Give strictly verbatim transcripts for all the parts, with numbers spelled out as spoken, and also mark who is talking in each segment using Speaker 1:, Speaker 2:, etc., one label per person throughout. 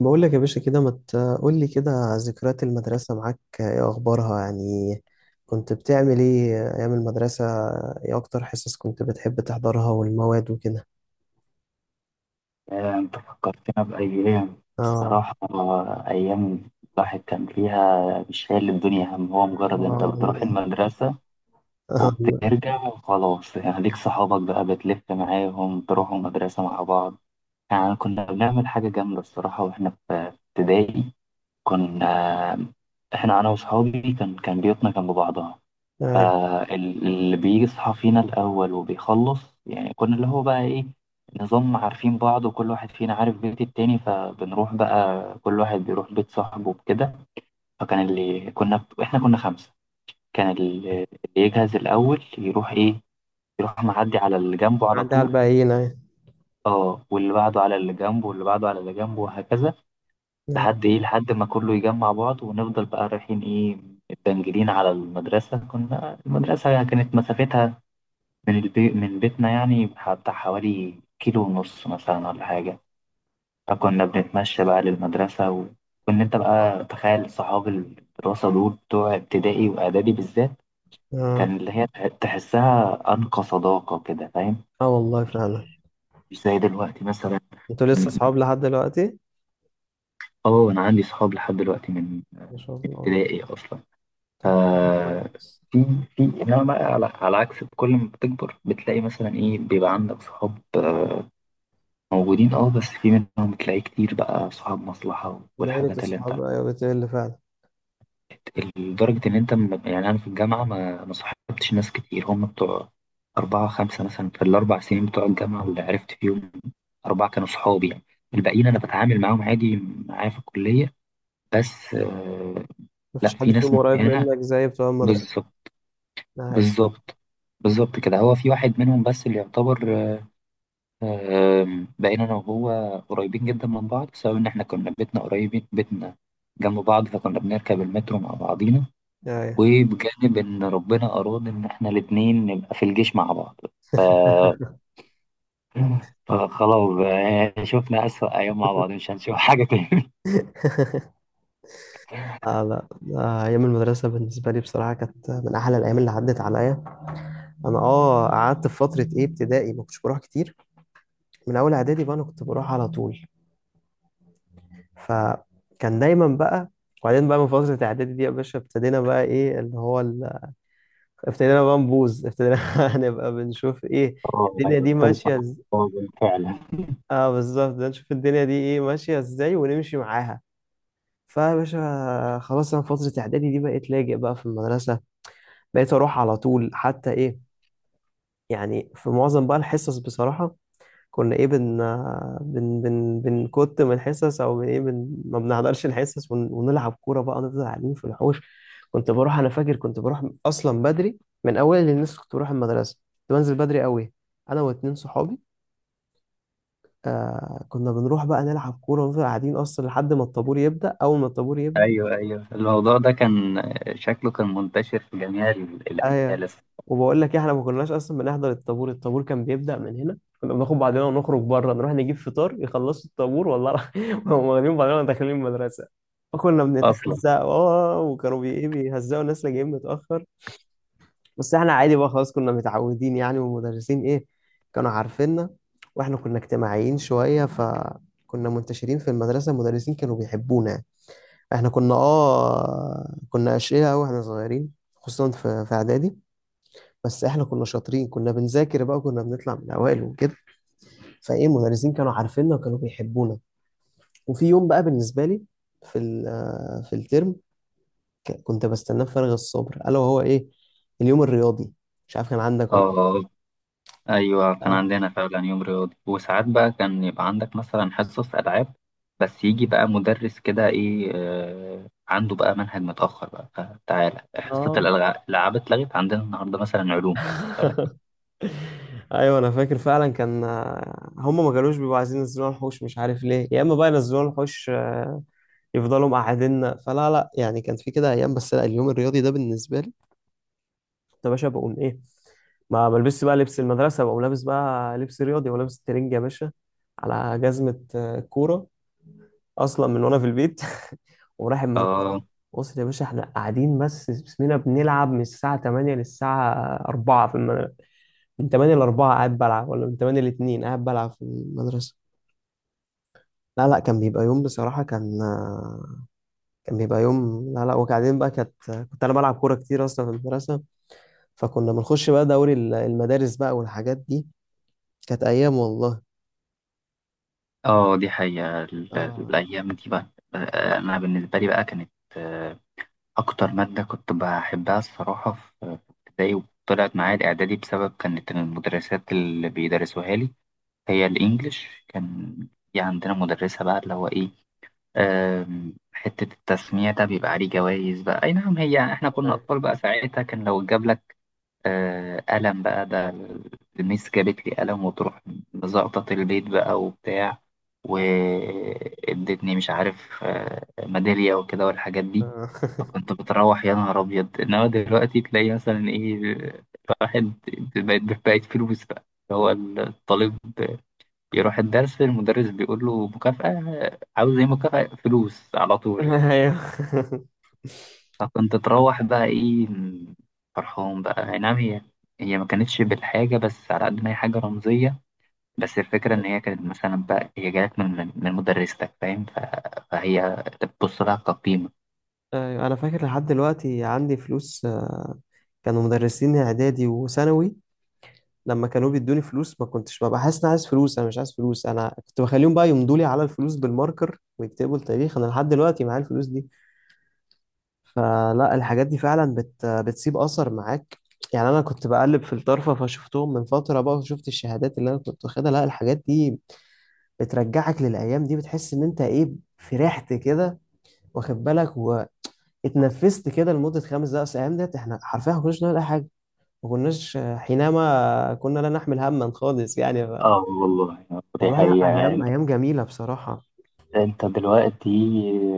Speaker 1: بقول لك يا باشا كده، ما تقول لي كده. ذكريات المدرسة معاك، ايه اخبارها يعني؟ كنت بتعمل ايه ايام المدرسة؟ ايه اكتر حصص كنت بتحب تحضرها والمواد وكده؟
Speaker 2: آه، أنت فكرتنا بأيام
Speaker 1: اه.
Speaker 2: الصراحة. آه، أيام الواحد كان فيها مش شايل الدنيا هم، هو مجرد أنت
Speaker 1: اه.
Speaker 2: بتروح المدرسة
Speaker 1: آه.
Speaker 2: وبترجع وخلاص. يعني ليك صحابك بقى بتلف معاهم، تروحوا المدرسة مع بعض. يعني كنا بنعمل حاجة جامدة الصراحة وإحنا في ابتدائي. كنا إحنا أنا وصحابي كان كان بيوتنا جنب بعضها،
Speaker 1: آه.
Speaker 2: فاللي بيصحى فينا الأول وبيخلص يعني كنا اللي هو بقى إيه، نظام عارفين بعض وكل واحد فينا عارف بيت التاني، فبنروح بقى كل واحد بيروح بيت صاحبه وكده. فكان اللي كنا إحنا كنا خمسة. كان اللي اللي يجهز الأول يروح إيه، يروح معدي على اللي جنبه على
Speaker 1: عدى على
Speaker 2: طول.
Speaker 1: الباقيين اهي.
Speaker 2: اه، واللي بعده على اللي جنبه، واللي بعده على اللي جنبه، وهكذا
Speaker 1: اه.
Speaker 2: لحد ايه لحد ما كله يجمع بعض، ونفضل بقى رايحين ايه، متبنجلين على المدرسة. كنا المدرسة كانت مسافتها من البي... من بيتنا يعني بتاع حوالي كيلو ونص مثلا ولا حاجة، فكنا بنتمشى بقى للمدرسة و... وإن أنت بقى تخيل صحاب الدراسة دول بتوع ابتدائي وإعدادي بالذات،
Speaker 1: اه.
Speaker 2: كان اللي هي تح- تحسها أنقى صداقة كده، فاهم؟
Speaker 1: آه، والله فعلا.
Speaker 2: مش زي دلوقتي مثلا.
Speaker 1: انتوا لسه
Speaker 2: م-
Speaker 1: اصحاب لحد دلوقتي؟
Speaker 2: اه، أنا عندي صحاب لحد دلوقتي من
Speaker 1: ما شاء الله.
Speaker 2: ابتدائي أصلا. ف
Speaker 1: طب. كويس.
Speaker 2: في في إنما بقى على... على عكس، كل ما بتكبر بتلاقي مثلا إيه، بيبقى عندك صحاب موجودين اه، بس في منهم تلاقيه كتير بقى صاحب مصلحة
Speaker 1: دايرة
Speaker 2: والحاجات اللي انت
Speaker 1: الصحاب،
Speaker 2: عارف.
Speaker 1: ايوه بتقل فعلا.
Speaker 2: لدرجة ان انت م- يعني انا في الجامعة ما ما صاحبتش ناس كتير، هم بتوع أربعة خمسة مثلا في الأربع سنين بتوع الجامعة. اللي عرفت فيهم أربعة كانوا صحابي يعني. الباقيين أنا بتعامل معاهم عادي معايا في الكلية بس. آه، لا
Speaker 1: مفيش حد
Speaker 2: في ناس
Speaker 1: فيهم قريب
Speaker 2: معينة.
Speaker 1: منك زي بتوع المدرسة؟
Speaker 2: بالظبط،
Speaker 1: ايوه،
Speaker 2: بالظبط، بالظبط كده. هو في واحد منهم بس اللي يعتبر، آم، بقينا أنا وهو قريبين جدا من بعض، بسبب إن إحنا كنا بيتنا قريبين، بيتنا جنب بعض، فكنا بنركب المترو مع بعضينا.
Speaker 1: ايوه.
Speaker 2: وبجانب إن ربنا أراد إن إحنا الاتنين نبقى في الجيش مع بعض فخلاص بقى يعني شفنا أسوأ أيام مع بعض، مش هنشوف حاجة تاني.
Speaker 1: لا، لا، لا، أيام المدرسة بالنسبة لي بصراحة كانت من أحلى الأيام اللي عدت عليا. أنا أه قعدت في فترة إيه ابتدائي، ما كنتش بروح كتير. من أول إعدادي بقى أنا كنت بروح على طول، فكان دايما بقى. وبعدين بقى من فترة إعدادي دي يا باشا ابتدينا بقى إيه اللي هو ال... ابتدينا بقى نبوظ، ابتدينا نبقى بنشوف إيه
Speaker 2: اه، ايوه
Speaker 1: الدنيا دي
Speaker 2: ابتدت مع
Speaker 1: ماشية إز...
Speaker 2: بعض فعلا.
Speaker 1: أه بالظبط، ده نشوف الدنيا دي إيه ماشية إزاي ونمشي معاها. فيا باشا خلاص أنا فترة إعدادي دي بقيت لاجئ بقى في المدرسة، بقيت أروح على طول، حتى إيه يعني في معظم بقى الحصص بصراحة كنا ايه بن بن بن بنكت من الحصص، او بن ايه بن ما بنحضرش الحصص ون... ونلعب كورة بقى، نفضل قاعدين في الحوش. كنت بروح، انا فاكر كنت بروح اصلا بدري من اول الناس، كنت بروح المدرسة كنت بنزل بدري قوي انا واتنين صحابي. آه، كنا بنروح بقى نلعب كورة ونفضل قاعدين اصلا لحد ما الطابور يبدأ. اول ما الطابور يبدأ،
Speaker 2: ايوه، ايوه، الموضوع ده كان شكله كان منتشر في جميع ال-
Speaker 1: ايوه.
Speaker 2: الاجيال
Speaker 1: وبقول لك إيه، احنا ما كناش اصلا بنحضر الطابور. الطابور كان بيبدأ من هنا، كنا بناخد بعضنا ونخرج بره نروح نجيب فطار، يخلصوا الطابور والله العظيم، وهم واخدين بعضنا داخلين المدرسه. فكنا
Speaker 2: اصلا.
Speaker 1: بنتهزق، اه، وكانوا بي إيه بيهزقوا الناس اللي جايين متأخر. بس احنا عادي بقى خلاص، كنا متعودين يعني، والمدرسين ايه كانوا عارفيننا، واحنا كنا اجتماعيين شوية فكنا منتشرين في المدرسة، المدرسين كانوا بيحبونا يعني. احنا كنا اه كنا أشقياء أوي واحنا صغيرين، خصوصا في في إعدادي. بس احنا كنا شاطرين، كنا بنذاكر بقى، كنا بنطلع من الاوائل وكده، فايه المدرسين كانوا عارفيننا وكانوا بيحبونا. وفي يوم بقى بالنسبه لي، في ال- آه، في الترم، ك- كنت بستناه بفارغ الصبر، الا وهو ايه، اليوم الرياضي. مش عارف كان عندك ولا؟
Speaker 2: اه، ايوه كان
Speaker 1: اه.
Speaker 2: عندنا فعلا يوم رياضي. وساعات بقى كان يبقى عندك مثلا حصص العاب، بس يجي بقى مدرس كده ايه، آه عنده بقى منهج متاخر بقى، فتعالى حصه
Speaker 1: اه.
Speaker 2: الألع- الالعاب اتلغت عندنا النهارده مثلا علوم.
Speaker 1: ايوه انا فاكر فعلا، كان آه، هم ما كانوش بيبقوا عايزين ينزلونا الحوش، مش عارف ليه، يا اما بقى ينزلونا الحوش آه، يفضلوا مقعديننا، فلا لا يعني كان في كده ايام. بس لا، اليوم الرياضي ده بالنسبه لي يا باشا بقوم ايه، ما بلبسش بقى لبس المدرسه، بقوم لابس بقى لبس رياضي ولابس ترنج يا باشا، على جزمه آه، كوره، اصلا من وانا في البيت. ورايح المدرسه،
Speaker 2: اه.
Speaker 1: وصل يا باشا احنا قاعدين بس بسمنا بنلعب من الساعه تمانية للساعه أربعة في المدرسه، من تمانية ل أربعة قاعد بلعب، ولا من ثمانية ل اثنين قاعد بلعب في المدرسه؟ لا لا، كان بيبقى يوم بصراحه، كان آه، كان بيبقى يوم، لا لا. وبعدين بقى، كانت كنت انا بلعب كوره كتير اصلا في المدرسه، فكنا بنخش بقى دوري ال- المدارس بقى والحاجات دي. كانت أيام والله.
Speaker 2: اه، دي حقيقه، ال-
Speaker 1: آه.
Speaker 2: الايام دي بقى. آه، انا بالنسبه لي بقى كانت آه، اكتر ماده كنت بحبها الصراحه في في ابتدائي وطلعت معايا الاعدادي، بسبب كانت المدرسات اللي بيدرسوها لي هي الإنجليش. كان في عندنا مدرسة بقى اللي هو إيه، آم، حتة التسميع ده بيبقى عليه جوائز بقى. أي نعم، هي إحنا كنا
Speaker 1: أيوة.
Speaker 2: أطفال بقى ساعتها، كان لو جاب لك آه، قلم بقى ده، الميس جابت لي قلم وتروح مزقطط البيت بقى وبتاع، وادتني مش عارف آه، ميدالية وكده والحاجات دي.
Speaker 1: آه.
Speaker 2: فكنت بتروح يا نهار أبيض. إنما دلوقتي تلاقي مثلا إيه، واحد بقت بقت فلوس بقى، اللي هو الطالب يروح الدرس، المدرس بيقول له مكافأة، عاوز ايه؟ مكافأة فلوس على طول.
Speaker 1: أيوة،
Speaker 2: فكنت تروح بقى ايه، فرحان بقى. اي نعم، هي هي ما كانتش بالحاجة، بس على قد ما هي حاجة رمزية. بس الفكرة إن هي كانت مثلا بقى هي جالك من من من مدرستك، فاهم؟ ف- فهي بتبص لها كقيمة.
Speaker 1: أيوة، أنا فاكر لحد دلوقتي عندي فلوس آه، كانوا مدرسين إعدادي وثانوي، لما كانوا بيدوني فلوس ما كنتش ببقى حاسس إن أنا عايز فلوس، أنا مش عايز فلوس، أنا كنت بخليهم بقى يمضوا لي على الفلوس بالماركر ويكتبوا التاريخ. أنا لحد دلوقتي معايا الفلوس دي. فلا الحاجات دي فعلا بت... بتسيب أثر معاك يعني. أنا كنت بقلب في الطرفة فشفتهم من فترة بقى، وشفت الشهادات اللي أنا كنت واخدها. لا، الحاجات دي بترجعك للأيام دي، بتحس إن أنت إيه فرحت كده، واخد بالك، واتنفست كده لمدة خمس دقايق. أصل الأيام ديت إحنا حرفيا ما كناش نعمل أي حاجة، ما كناش حينما كنا لا نحمل هما خالص يعني ف...
Speaker 2: اه والله. دي
Speaker 1: والله لا،
Speaker 2: حقيقة.
Speaker 1: أيام،
Speaker 2: انت
Speaker 1: أيام جميلة بصراحة.
Speaker 2: انت دلوقتي،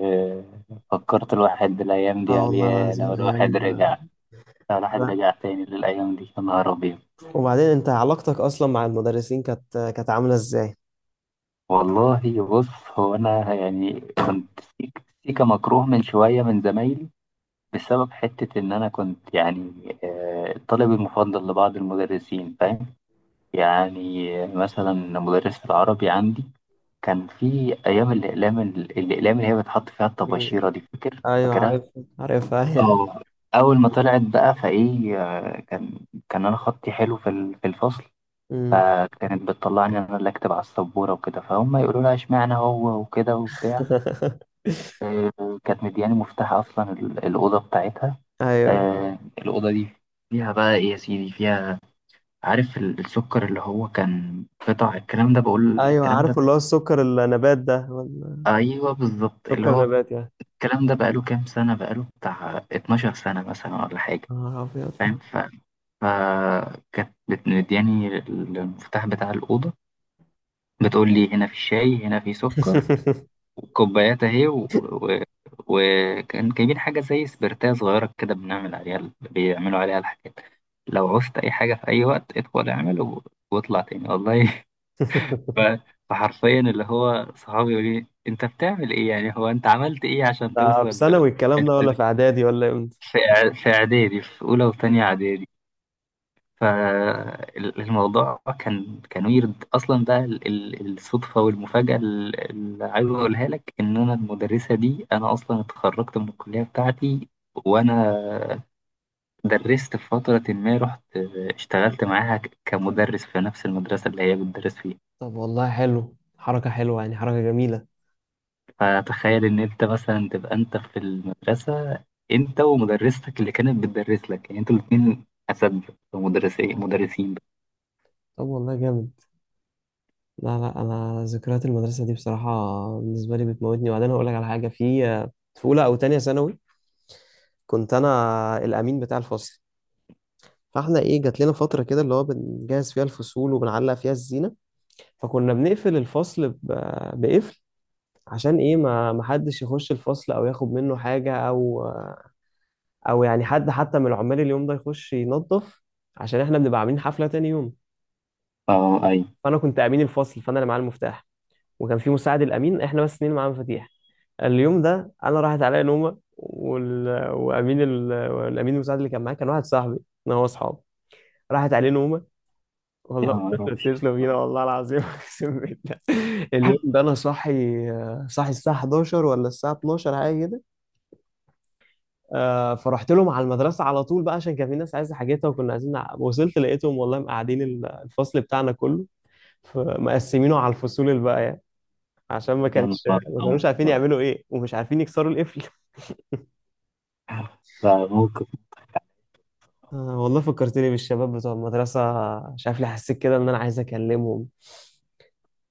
Speaker 2: آه، فكرت الواحد الايام دي،
Speaker 1: اه
Speaker 2: قال
Speaker 1: والله
Speaker 2: يا
Speaker 1: العظيم
Speaker 2: لو
Speaker 1: أيام.
Speaker 2: الواحد رجع لو الواحد
Speaker 1: لا،
Speaker 2: رجع تاني للايام دي، يا نهار ابيض.
Speaker 1: وبعدين أنت علاقتك أصلا مع المدرسين كانت كانت عاملة إزاي؟
Speaker 2: والله بص، هو انا يعني كنت سيك- سيكا مكروه من شويه من زمايلي، بسبب حته ان انا كنت يعني آه، الطالب المفضل لبعض المدرسين، فاهم؟ يعني آه، مثلا مدرس العربي عندي كان في ايام الاقلام، ال- الاقلام اللي هي بتحط فيها
Speaker 1: مم.
Speaker 2: الطباشيره دي، فاكر
Speaker 1: أيوه،
Speaker 2: فاكرها؟
Speaker 1: عارف. عارف، أيوه.
Speaker 2: اه، اول ما طلعت بقى فايه آه، كان كان انا خطي حلو في ال- في الفصل،
Speaker 1: مم.
Speaker 2: فكانت بتطلعني أنا اللي أكتب على السبورة وكده، فهم يقولوا لها إشمعنى هو وكده وبتاع. آه، كانت مدياني مفتاح أصلا ال- الأوضة بتاعتها.
Speaker 1: ايوه،
Speaker 2: آه، الأوضة دي فيها بقى إيه يا سيدي، فيها عارف ال- السكر اللي هو كان قطع الكلام ده، بقول
Speaker 1: ايوه،
Speaker 2: الكلام
Speaker 1: عارف
Speaker 2: ده.
Speaker 1: اللي هو السكر النبات ده ولا؟
Speaker 2: أيوه بالظبط، اللي
Speaker 1: سكر
Speaker 2: هو
Speaker 1: نبات يعني.
Speaker 2: الكلام ده بقاله كام سنة، بقاله بتاع اتناشر سنة مثلا ولا حاجة.
Speaker 1: يا نهار أبيض.
Speaker 2: فاهم؟ ف... فكانت بت- مدياني المفتاح بتاع الأوضة، بتقول لي هنا في شاي، هنا في سكر، كوبايات اهي. وكان و... و... وكان جايبين حاجة زي سبرتاية صغيرة كده، بنعمل عليها ال- بيعملوا عليها الحاجات. لو عوزت أي حاجة في أي وقت ادخل اعمل و... واطلع تاني، والله. ف... فحرفيا اللي هو صحابي يقول لي أنت بتعمل إيه يعني، هو أنت عملت إيه عشان
Speaker 1: ده
Speaker 2: توصل
Speaker 1: في ثانوي الكلام ده،
Speaker 2: للحتة
Speaker 1: ولا
Speaker 2: دي؟
Speaker 1: في اعدادي، ولا امتى؟
Speaker 2: في إع- في إعدادي، في أولى وتانية إعدادي. فالموضوع كان كان ويرد اصلا بقى ال- ال- الصدفه والمفاجاه ال- اللي عايز اقولها لك، ان انا المدرسه دي انا اصلا اتخرجت من الكليه بتاعتي، وانا درست في فتره. ما رحت اشتغلت معاها ك- كمدرس في نفس المدرسه اللي هي بتدرس فيها.
Speaker 1: طب والله حلو، حركة حلوة يعني، حركة جميلة.
Speaker 2: فتخيل ان انت مثلا تبقى انت في المدرسه انت ومدرستك اللي كانت بتدرس لك، يعني انتوا الاثنين اساتذه، مدرسين مدرسين.
Speaker 1: طب والله جامد. لا لا، انا ذكريات المدرسة دي بصراحة بالنسبة لي بتموتني. وبعدين هقول لك على حاجة، في في اولى او تانية ثانوي كنت انا الامين بتاع الفصل. فاحنا ايه جات لنا فترة كده اللي هو بنجهز فيها الفصول وبنعلق فيها الزينة، فكنا بنقفل الفصل ب- بقفل، عشان ايه ما ما حدش يخش الفصل او ياخد منه حاجة، او او يعني حد حتى من العمال اليوم ده يخش ينظف، عشان احنا بنبقى عاملين حفله تاني يوم.
Speaker 2: اه، اي.
Speaker 1: فانا كنت امين الفصل، فانا اللي معايا المفتاح، وكان في مساعد الامين، احنا بس اتنين معانا مفاتيح. اليوم ده انا راحت عليا نومه، وال... وامين ال... الامين المساعد اللي كان معايا، كان واحد صاحبي انا، هو اصحاب، راحت عليه نومه.
Speaker 2: يا
Speaker 1: والله
Speaker 2: نهار
Speaker 1: تسلم
Speaker 2: أبيض.
Speaker 1: تسلم بينا والله العظيم، اقسم بالله. اليوم ده انا صاحي، صاحي الساعه حداشر ولا الساعه اتناشر حاجه كده. آه، فرحت لهم على المدرسه على طول بقى عشان كان في ناس عايزه حاجتها، وكنا عايزين نع- وصلت لقيتهم والله مقعدين ال- الفصل بتاعنا كله، ف- مقسمينه على الفصول الباقيه، عشان ما
Speaker 2: يا
Speaker 1: كانش
Speaker 2: نهار
Speaker 1: ما كانوش عارفين
Speaker 2: أبيض.
Speaker 1: يعملوا ايه، ومش عارفين يكسروا القفل.
Speaker 2: فممكن
Speaker 1: آه، والله فكرتني بالشباب بتوع المدرسه، مش عارف ليه حسيت كده ان انا عايز اكلمهم،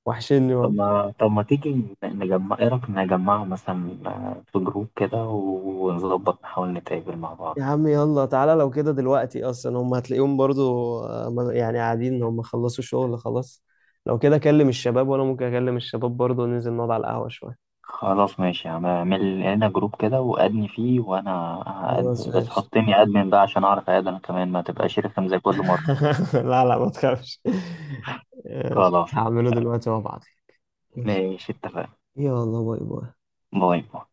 Speaker 1: وحشني
Speaker 2: طب
Speaker 1: والله.
Speaker 2: ما طب ما تيجي نجمع، ايه رأيك نجمعه مثلا آه، في جروب كده ونظبط نحاول نتقابل مع
Speaker 1: يا
Speaker 2: بعض؟
Speaker 1: عم يلا تعالى، لو كده دلوقتي اصلا هم هتلاقيهم برضو آه، ما- يعني قاعدين هم خلصوا شغل خلاص. لو كده اكلم الشباب، وانا ممكن اكلم الشباب برضو، ننزل نقعد على القهوه شويه.
Speaker 2: خلاص ماشي. يعني اعمل لنا جروب كده وأدني فيه، وأنا
Speaker 1: خلاص
Speaker 2: هأد- بس
Speaker 1: ماشي.
Speaker 2: حطني أدمن بقى عشان أعرف أقعد أنا كمان، ما
Speaker 1: آه.
Speaker 2: تبقاش رخم زي كل مرة.
Speaker 1: لا لا، ما تخافش. ماشي،
Speaker 2: خلاص
Speaker 1: هعمله دلوقتي وابعتلك. ماشي.
Speaker 2: ماشي، اتفقنا.
Speaker 1: يلا باي باي.
Speaker 2: باي باي.